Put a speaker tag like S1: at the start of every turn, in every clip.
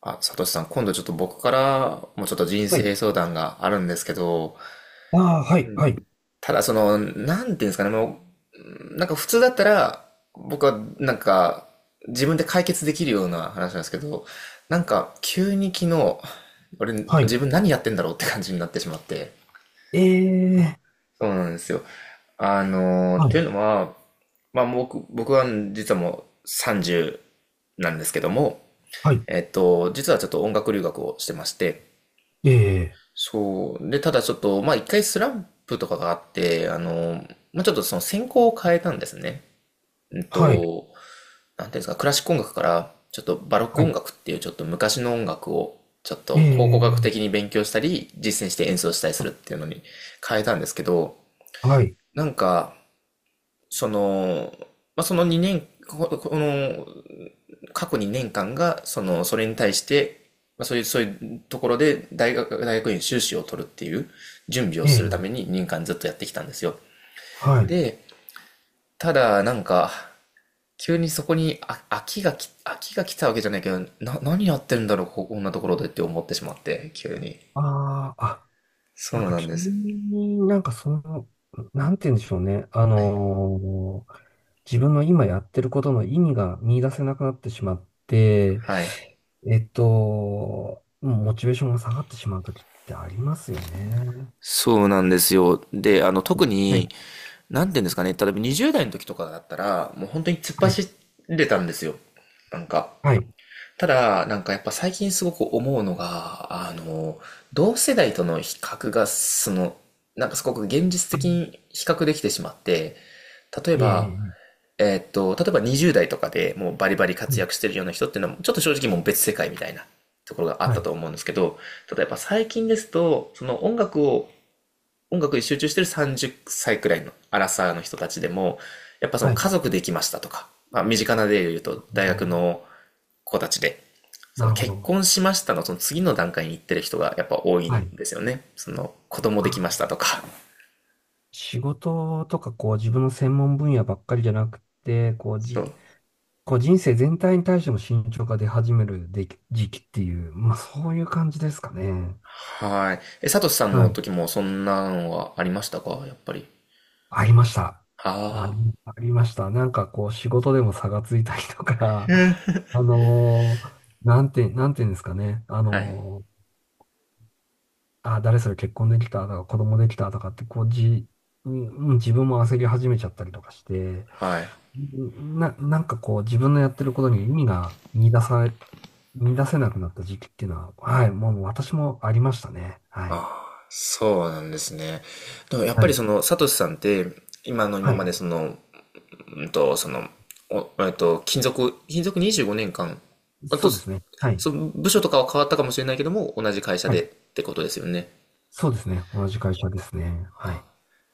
S1: あ、サトシさん、今度ちょっと僕からもちょっと人
S2: は
S1: 生
S2: い。
S1: 相談があるんですけど、
S2: ああ、はい、はい、
S1: ただその、なんていうんですかね、もう、普通だったら、僕はなんか自分で解決できるような話なんですけど、なんか急に昨日、俺
S2: はい。
S1: 自分何やってんだろうって感じになってしまって。
S2: ええ、
S1: そうなんですよ。っ
S2: は
S1: てい
S2: い、
S1: うのは、まあ僕は実はもう30なんですけども、
S2: はい、
S1: 実はちょっと音楽留学をしてまして、
S2: ええ、
S1: そう。で、ただちょっと、まあ一回スランプとかがあって、まあちょっとその専攻を変えたんですね。うん
S2: はい、
S1: と、なんていうんですか、クラシック音楽から、ちょっとバロック
S2: は
S1: 音
S2: い、
S1: 楽っていうちょっと昔の音楽を、ちょっ
S2: え
S1: と考古学
S2: え、
S1: 的に勉強したり、実践して演奏したりするっていうのに変えたんですけど、
S2: はい、
S1: なんか、その、まあ、その2年、ここの、過去2年間が、その、それに対して、まあ、そういうところで大学院修士を取るっていう準備を
S2: え
S1: するた
S2: え、
S1: めに2年間ずっとやってきたんですよ。
S2: はい。
S1: で、ただ、なんか、急にそこに飽きが来たわけじゃないけど、何やってるんだろう、ここんなところでって思ってしまって、急に。
S2: ああ、あ、
S1: そ
S2: なん
S1: う
S2: か
S1: なん
S2: 急
S1: です。
S2: になんかその、なんて言うんでしょうね。
S1: はい。
S2: 自分の今やってることの意味が見出せなくなってしまって、
S1: はい。
S2: モチベーションが下がってしまう時ってありますよね。
S1: そうなんですよ。で、あの、特
S2: は
S1: に、
S2: い、
S1: なんていうんですかね、例えば20代の時とかだったら、もう本当に突っ
S2: はい、
S1: 走れたんですよ。なんか。
S2: はい。
S1: ただ、なんかやっぱ最近すごく思うのが、あの、同世代との比較が、その、なんかすごく現実的
S2: あ、
S1: に比較できてしまって、例え
S2: いえい
S1: ば、
S2: え
S1: 例えば20代とかでもうバリバリ
S2: い
S1: 活
S2: え、
S1: 躍してるような人っていうのは、ちょっと正直もう別世界みたいなところがあっ
S2: は
S1: た
S2: い、
S1: と思うんですけど、例えば最近ですと、その音楽に集中してる30歳くらいのアラサーの人たちでも、やっぱその
S2: はい、
S1: 家
S2: は
S1: 族できましたとか、まあ身近な例で言うと大学
S2: い。
S1: の子たちで、そ
S2: な
S1: の
S2: るほ
S1: 結
S2: ど。
S1: 婚しましたのその次の段階に行ってる人がやっぱ多い
S2: は
S1: ん
S2: い。
S1: ですよね。その子供
S2: あ
S1: できました
S2: ー、
S1: とか。
S2: 仕事とか、こう、自分の専門分野ばっかりじゃなくて、
S1: そう。
S2: こう人生全体に対しても慎重が出始めるでき時期っていう、まあ、そういう感じですかね。
S1: はい。え、サトシさん
S2: は
S1: の
S2: い。
S1: 時もそんなのはありましたかやっぱり。
S2: ありました。あり、
S1: あ
S2: ありました。なんか、こう、仕事でも差がついたりとか、
S1: あ。
S2: なんていうんですかね。
S1: はい。
S2: あ、誰それ結婚できたとか、子供できたとかって、こう、じ、うん、うん自分も焦り始めちゃったりとかして、
S1: はい。
S2: なんかこう、自分のやってることに意味が見出され、見出せなくなった時期っていうのは、はい、もう私もありましたね。はい。
S1: ああ、そうなんですね。でもやっぱ
S2: は
S1: り
S2: い。
S1: その、サトシさんって、今の今
S2: は
S1: まで
S2: い。
S1: その、その、おえっと、勤続、勤続25年間。あと、
S2: そうで
S1: そ
S2: すね。はい。
S1: その部署とかは変わったかもしれないけども、同じ会社
S2: は
S1: で
S2: い。
S1: ってことですよね。
S2: そうですね。同じ会社ですね。はい。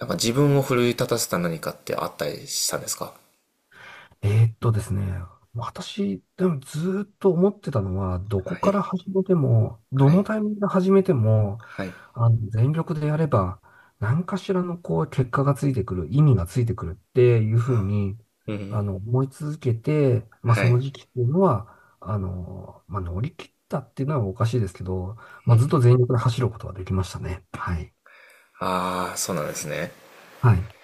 S1: なんか自分を奮い立たせた何かってあったりしたんですか。
S2: ですね。私、でもずーっと思ってたのは、どこ
S1: は
S2: か
S1: い、
S2: ら始めても、ど
S1: は
S2: の
S1: い、
S2: タイミングで始めても、
S1: はい。
S2: あの、全力でやれば、何かしらのこう、結果がついてくる、意味がついてくるっていうふう
S1: あ、
S2: に、
S1: うん、
S2: あの、思い続けて、まあ、
S1: は
S2: その
S1: い。
S2: 時期っていうのは、あの、まあ、乗り切ったっていうのはおかしいですけど、まあ、ずっと全力で走ることはできましたね。はい。
S1: ああ、そうなんですね。
S2: はい。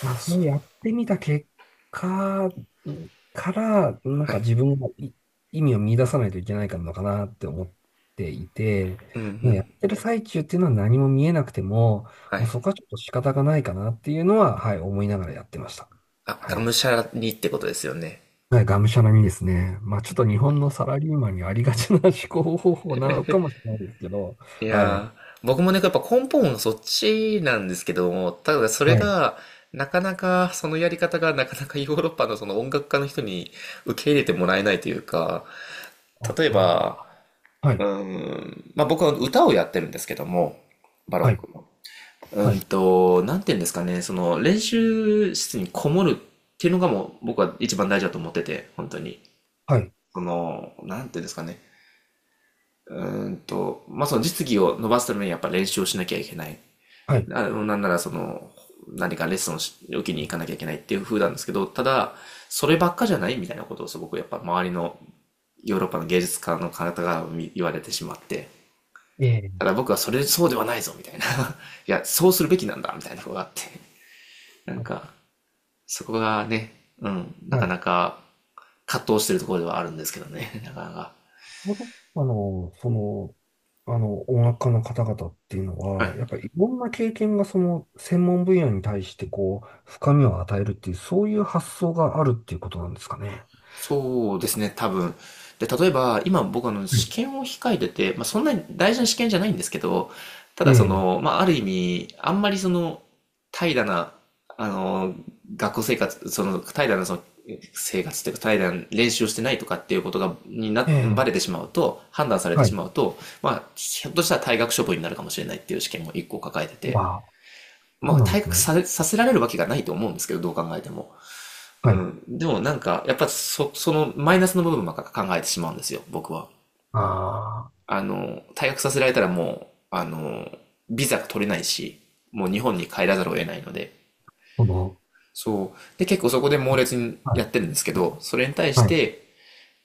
S2: まあ、それやってみた結果から、なん
S1: は
S2: か
S1: い。
S2: 自分がい意味を見出さないといけないかのかなって思っていて、
S1: うん、う
S2: まあや
S1: ん。
S2: ってる最中っていうのは何も見えなくても、
S1: は
S2: もう
S1: い。
S2: そこはちょっと仕方がないかなっていうのは、はい、思いながらやってました。
S1: あ、
S2: は
S1: が
S2: い。
S1: むしゃらにってことですよね。
S2: はい、がむしゃらにですね。まあ、ちょっと日本のサラリーマンにありがちな思考方法なのかもしれないですけど、
S1: い
S2: はい。
S1: やー、僕もね、やっぱ根本はそっちなんですけども、ただそれ
S2: はい。
S1: が、なかなか、そのやり方がなかなか ヨーロッパのその音楽家の人に受け入れてもらえないというか、
S2: あ
S1: 例えば、
S2: あ、はい。
S1: まあ僕は歌をやってるんですけども、バロ
S2: は
S1: ッ
S2: い。
S1: クの。
S2: はい。
S1: なんて言うんですかね、その練習室にこもるっていうのがもう僕は一番大事だと思ってて、本当に。
S2: はい。
S1: その、なんていうんですかね。まあ、その実技を伸ばすためにやっぱ練習をしなきゃいけない。
S2: はい。
S1: あのなんならその、何かレッスンを受けに行かなきゃいけないっていう風なんですけど、ただ、そればっかじゃないみたいなことをすごくやっぱ周りのヨーロッパの芸術家の方が言われてしまって、
S2: ええ。
S1: ただ僕はそれそうではないぞみたいな、いや、そうするべきなんだみたいなことがあって、なん
S2: は
S1: か、そこがね、うん、なか
S2: い。
S1: なか葛藤してるところではあるんですけどね、なかなか。
S2: ヨーロッパの、その、あの、音楽家の方々っていうの
S1: は
S2: は、
S1: い。
S2: やっぱりいろんな経験がその専門分野に対してこう、深みを与えるっていう、そういう発想があるっていうことなんですかね。
S1: そうですね、多分。で、例えば、今僕あの
S2: は
S1: 試
S2: い。
S1: 験を控えてて、まあ、そんなに大事な試験じゃないんですけど、た
S2: え
S1: だそ
S2: え、
S1: の、まあ、ある意味、あんまりその、怠惰な、あの、学校生活、その、怠惰なその、生活というか、怠惰な練習をしてないとかっていうことが、
S2: え
S1: バ
S2: え、
S1: レてしまうと、判断されて
S2: は
S1: し
S2: い。
S1: まうと、まあ、ひょっとしたら退学処分になるかもしれないっていう試験も一個抱えてて、
S2: わあ、
S1: ま
S2: そう
S1: あ、
S2: なんで
S1: 退
S2: す
S1: 学
S2: ね。
S1: さ、させられるわけがないと思うんですけど、どう考えても。
S2: は
S1: う
S2: い。
S1: ん。でもなんか、やっぱそのマイナスの部分ばっか考えてしまうんですよ、僕は。
S2: ああ、
S1: あの、退学させられたらもう、あの、ビザが取れないし、もう日本に帰らざるを得ないので。
S2: その、
S1: そう。で、結構そこで猛烈に
S2: は
S1: やっ
S2: い、
S1: てるんですけど、それに対し
S2: はい。
S1: て、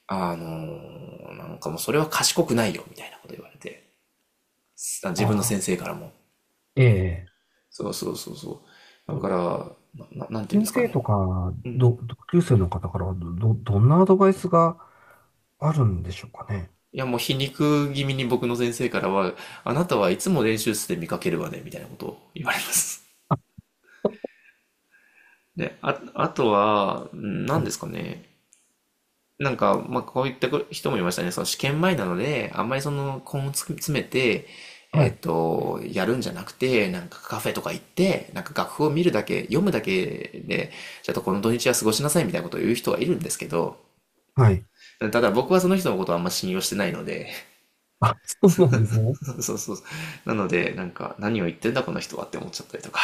S1: なんかもうそれは賢くないよ、みたいなこと言われて。
S2: あ
S1: 自分の先
S2: あ、
S1: 生からも。
S2: ええ。
S1: そうそう。だか
S2: と
S1: ら、なんていうんで
S2: 先
S1: すか
S2: 生
S1: ね。
S2: とか、
S1: うん。
S2: 同級生の方からはどんなアドバイスがあるんでしょうかね。
S1: いや、もう皮肉気味に僕の先生からは、あなたはいつも練習室で見かけるわね、みたいなことを言われます。で、あ、あとは、うん
S2: は
S1: 何で
S2: い。
S1: すかね。なんか、まあ、こういった人もいましたね。その試験前なので、あんまりその根を詰めて、
S2: はい。
S1: やるんじゃなくて、なんかカフェとか行って、なんか楽譜を見るだけ、読むだけで、ちょっとこの土日は過ごしなさいみたいなことを言う人がいるんですけど、
S2: はい。
S1: ただ僕はその人のことをあんま信用してないので、
S2: あ、そうなんですね。
S1: そうそう。なので、なんか、何を言ってんだこの人はって思っちゃったりとか。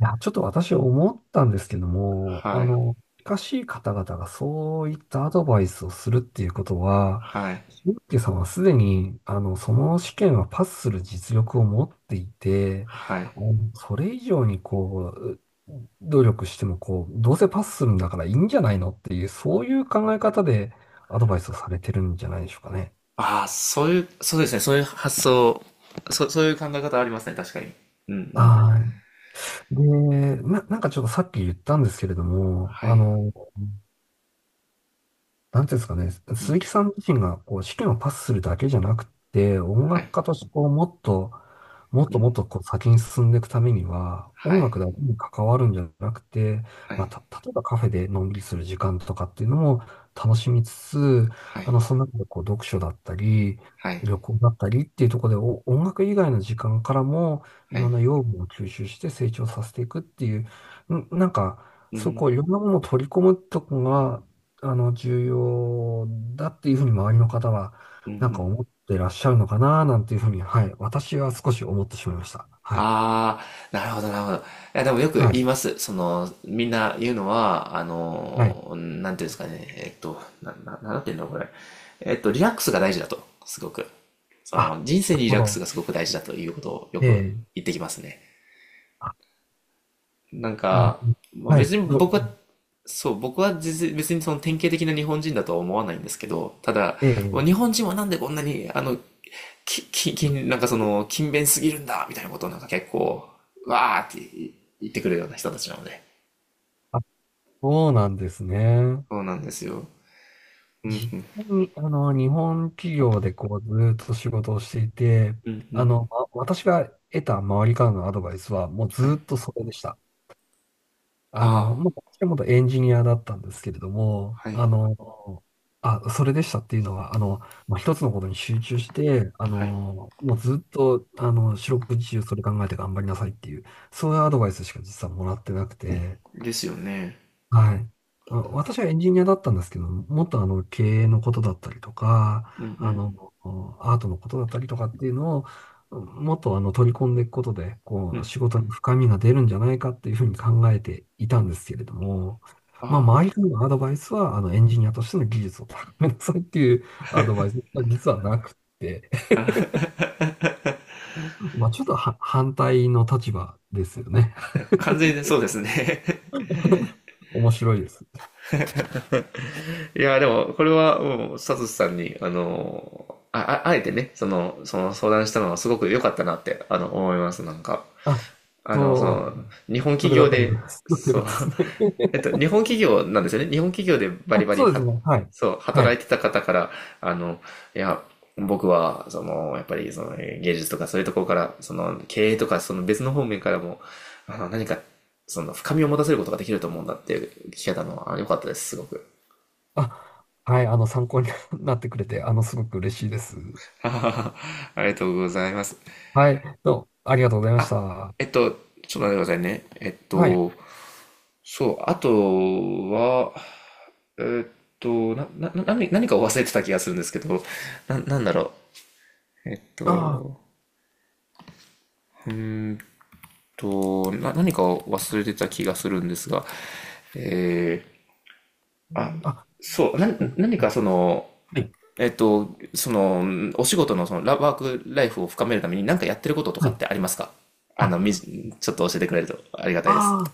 S2: いや、ちょっと私思ったんですけども、
S1: は
S2: あ
S1: い。
S2: の、近しい方々がそういったアドバイスをするっていうことは、
S1: はい。
S2: 俊介さんはすでに、あの、その試験はパスする実力を持っていて、
S1: はい。
S2: あのそれ以上にこう、努力してもこう、どうせパスするんだからいいんじゃないのっていう、そういう考え方でアドバイスをされてるんじゃないでしょうかね。
S1: ああ、そういう、そうですね。そういう発想、そ、そういう考え方ありますね。確かに。うんうん。
S2: はい。で、なんかちょっとさっき言ったんですけれども、
S1: は
S2: あ
S1: い。
S2: の、なんていうんですかね、
S1: う
S2: 鈴木
S1: ん。
S2: さん自身がこう指揮をパスするだけじゃなくて、音
S1: は
S2: 楽
S1: い。
S2: 家としてこうもっと、もっ
S1: う
S2: と
S1: ん。
S2: もっとこう先に進んでいくためには、
S1: は
S2: 音
S1: い。
S2: 楽だけに関わるんじゃなくて、
S1: は
S2: ま
S1: い。
S2: あ、た、例えばカフェでのんびりする時間とかっていうのも楽しみつつ、
S1: はい。
S2: あの、その中でこう読書だったり、
S1: はい。
S2: 旅行だったりっていうところでお音楽以外の時間からもい
S1: は
S2: ろ
S1: い。
S2: んな養分を吸収して成長させていくっていう、んなんか、
S1: う
S2: そう
S1: ん。
S2: こういろんなものを取り込むとこがあの、重要だっていうふうに周りの方は、
S1: うん。う
S2: なんか
S1: ん。
S2: 思ってらっしゃるのかな、なんていうふうに、はい。私は少し思ってしまいました。はい。
S1: ああ、なるほど、なるほど。いや、でもよく
S2: はい。
S1: 言います。その、みんな言うのは、あ
S2: はい。
S1: の、なんていうんですかね、えっと、なんていうんだろう、これ。リラックスが大事だと、すごく。そ
S2: あ、なる
S1: の、人生にリ
S2: ほ
S1: ラックス
S2: ど。
S1: がすごく大事だということをよ
S2: え
S1: く
S2: え。
S1: 言ってきますね。
S2: あ、
S1: なん
S2: に、
S1: か、
S2: に、
S1: まあ、
S2: は
S1: 別
S2: い。
S1: に
S2: ど、
S1: 僕は、そう、僕は実別にその典型的な日本人だとは思わないんですけど、ただ、
S2: え
S1: もう
S2: え。
S1: 日本人はなんでこんなに、あの、き、き、き、なんかその、勤勉すぎるんだ、みたいなことをなんか結構、わーって言ってくるような人たちなので。
S2: あ、そうなんですね。
S1: そうなんですよ。うん、
S2: 実
S1: うん、
S2: 際に、あの、日本企業でこう、ずーっと仕事をしていて、
S1: う
S2: あ
S1: ん。
S2: の、ま私が得た周りからのアドバイスは、もうず
S1: はい。
S2: ーっとそれでした。あ
S1: あ
S2: の、まあ、もともとエンジニアだったんですけれども、
S1: あ、はい、
S2: あの、あ、それでしたっていうのは、あの、まあ、一つのことに集中して、あ
S1: はい。
S2: の、もうずっと、あの、四六時中それ考えて頑張りなさいっていう、そういうアドバイスしか実はもらってなくて、
S1: ですよね。
S2: はい。あ私はエンジニアだったんですけど、もっとあの経営のことだったりと
S1: うん、う
S2: か、あ
S1: ん、
S2: の、アートのことだったりとかっていうのを、もっとあの取り込んでいくことで、こ
S1: う
S2: う、
S1: ん。
S2: 仕事に深みが出るんじゃないかっていうふうに考えていたんですけれども、まあ、
S1: あ
S2: 周
S1: あ。
S2: りからのアドバイスは、あの、エンジニアとしての技術を高めなさいっていう アドバイスが実はなくて、まあ、ちょっとは反対の立場ですよね。
S1: 完全にそうですね。
S2: 面白いです。
S1: いや、でも、これは、もう、サトシさんに、あの、あえてね、その、その相談したのはすごく良かったなって、あの、思います、なんか。
S2: あ、
S1: あの、その、
S2: そ
S1: 日
S2: う、
S1: 本
S2: そ
S1: 企
S2: れだっ
S1: 業
S2: た
S1: で、
S2: ら、すごく良
S1: そ
S2: か
S1: う、
S2: ったですね。
S1: 日本企業なんですよね。日本企業でバリ
S2: あ、
S1: バリ
S2: そうです
S1: は、
S2: ね。はい。
S1: そう、
S2: は
S1: 働
S2: い。
S1: いてた方から、あの、いや、僕は、その、やっぱり、その、芸術とかそういうところから、その、経営とか、その別の方面からも、あの、何か、その、深みを持たせることができると思うんだっていう聞けたのは、良かったです、すごく。
S2: あ、はい。あの、参考に なってくれて、あの、すごく嬉しいです。
S1: あははありがとうございます。
S2: はい。どうもありがとうございまし
S1: あ、
S2: た。
S1: えっと、ちょっと待ってくださいね。
S2: はい。
S1: そう、あとは、えっと、な、な、な何、何かを忘れてた気がするんですけど、なんだろう。
S2: あ
S1: うーん何かを忘れてた気がするんですが、えあ、
S2: あ、あ、
S1: そう、な、
S2: 結構。
S1: 何
S2: は
S1: かその、
S2: い。
S1: その、お仕事のそのワークライフを深めるために何かやってることと
S2: は
S1: かっ
S2: い。
S1: てありますか。
S2: あ、
S1: ちょっと教えてくれるとありがたいです。
S2: あ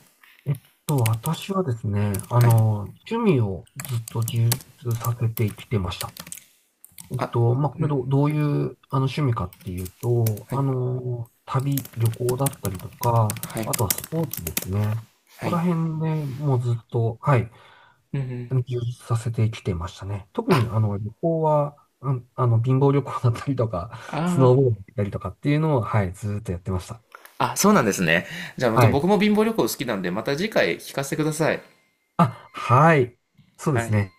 S2: あ、えっ私はですね、あ
S1: はい。
S2: の、趣味をずっと充実させてきてました。
S1: あ、
S2: まあ、これどう、どういう、あの、趣味かっていうと、
S1: は
S2: あ
S1: い、
S2: の、旅、旅行だったりと
S1: は
S2: か、
S1: い、
S2: あとはスポーツですね。こ
S1: は
S2: こ
S1: い。
S2: ら辺でもうずっと、はい。
S1: うんうん。
S2: 研究させてきてましたね。特
S1: あ、
S2: にあの旅行は、うん、あの貧乏旅行だったりとか、ス
S1: あ
S2: ノーボードだったりとかっていうのを、はい、ずーっとやってました。
S1: あ、そうなんですね。じゃあ、また
S2: は
S1: 僕
S2: い。
S1: も貧乏旅行好きなんで、また次回聞かせてください。
S2: あ、はい。そうで
S1: はい。
S2: すね。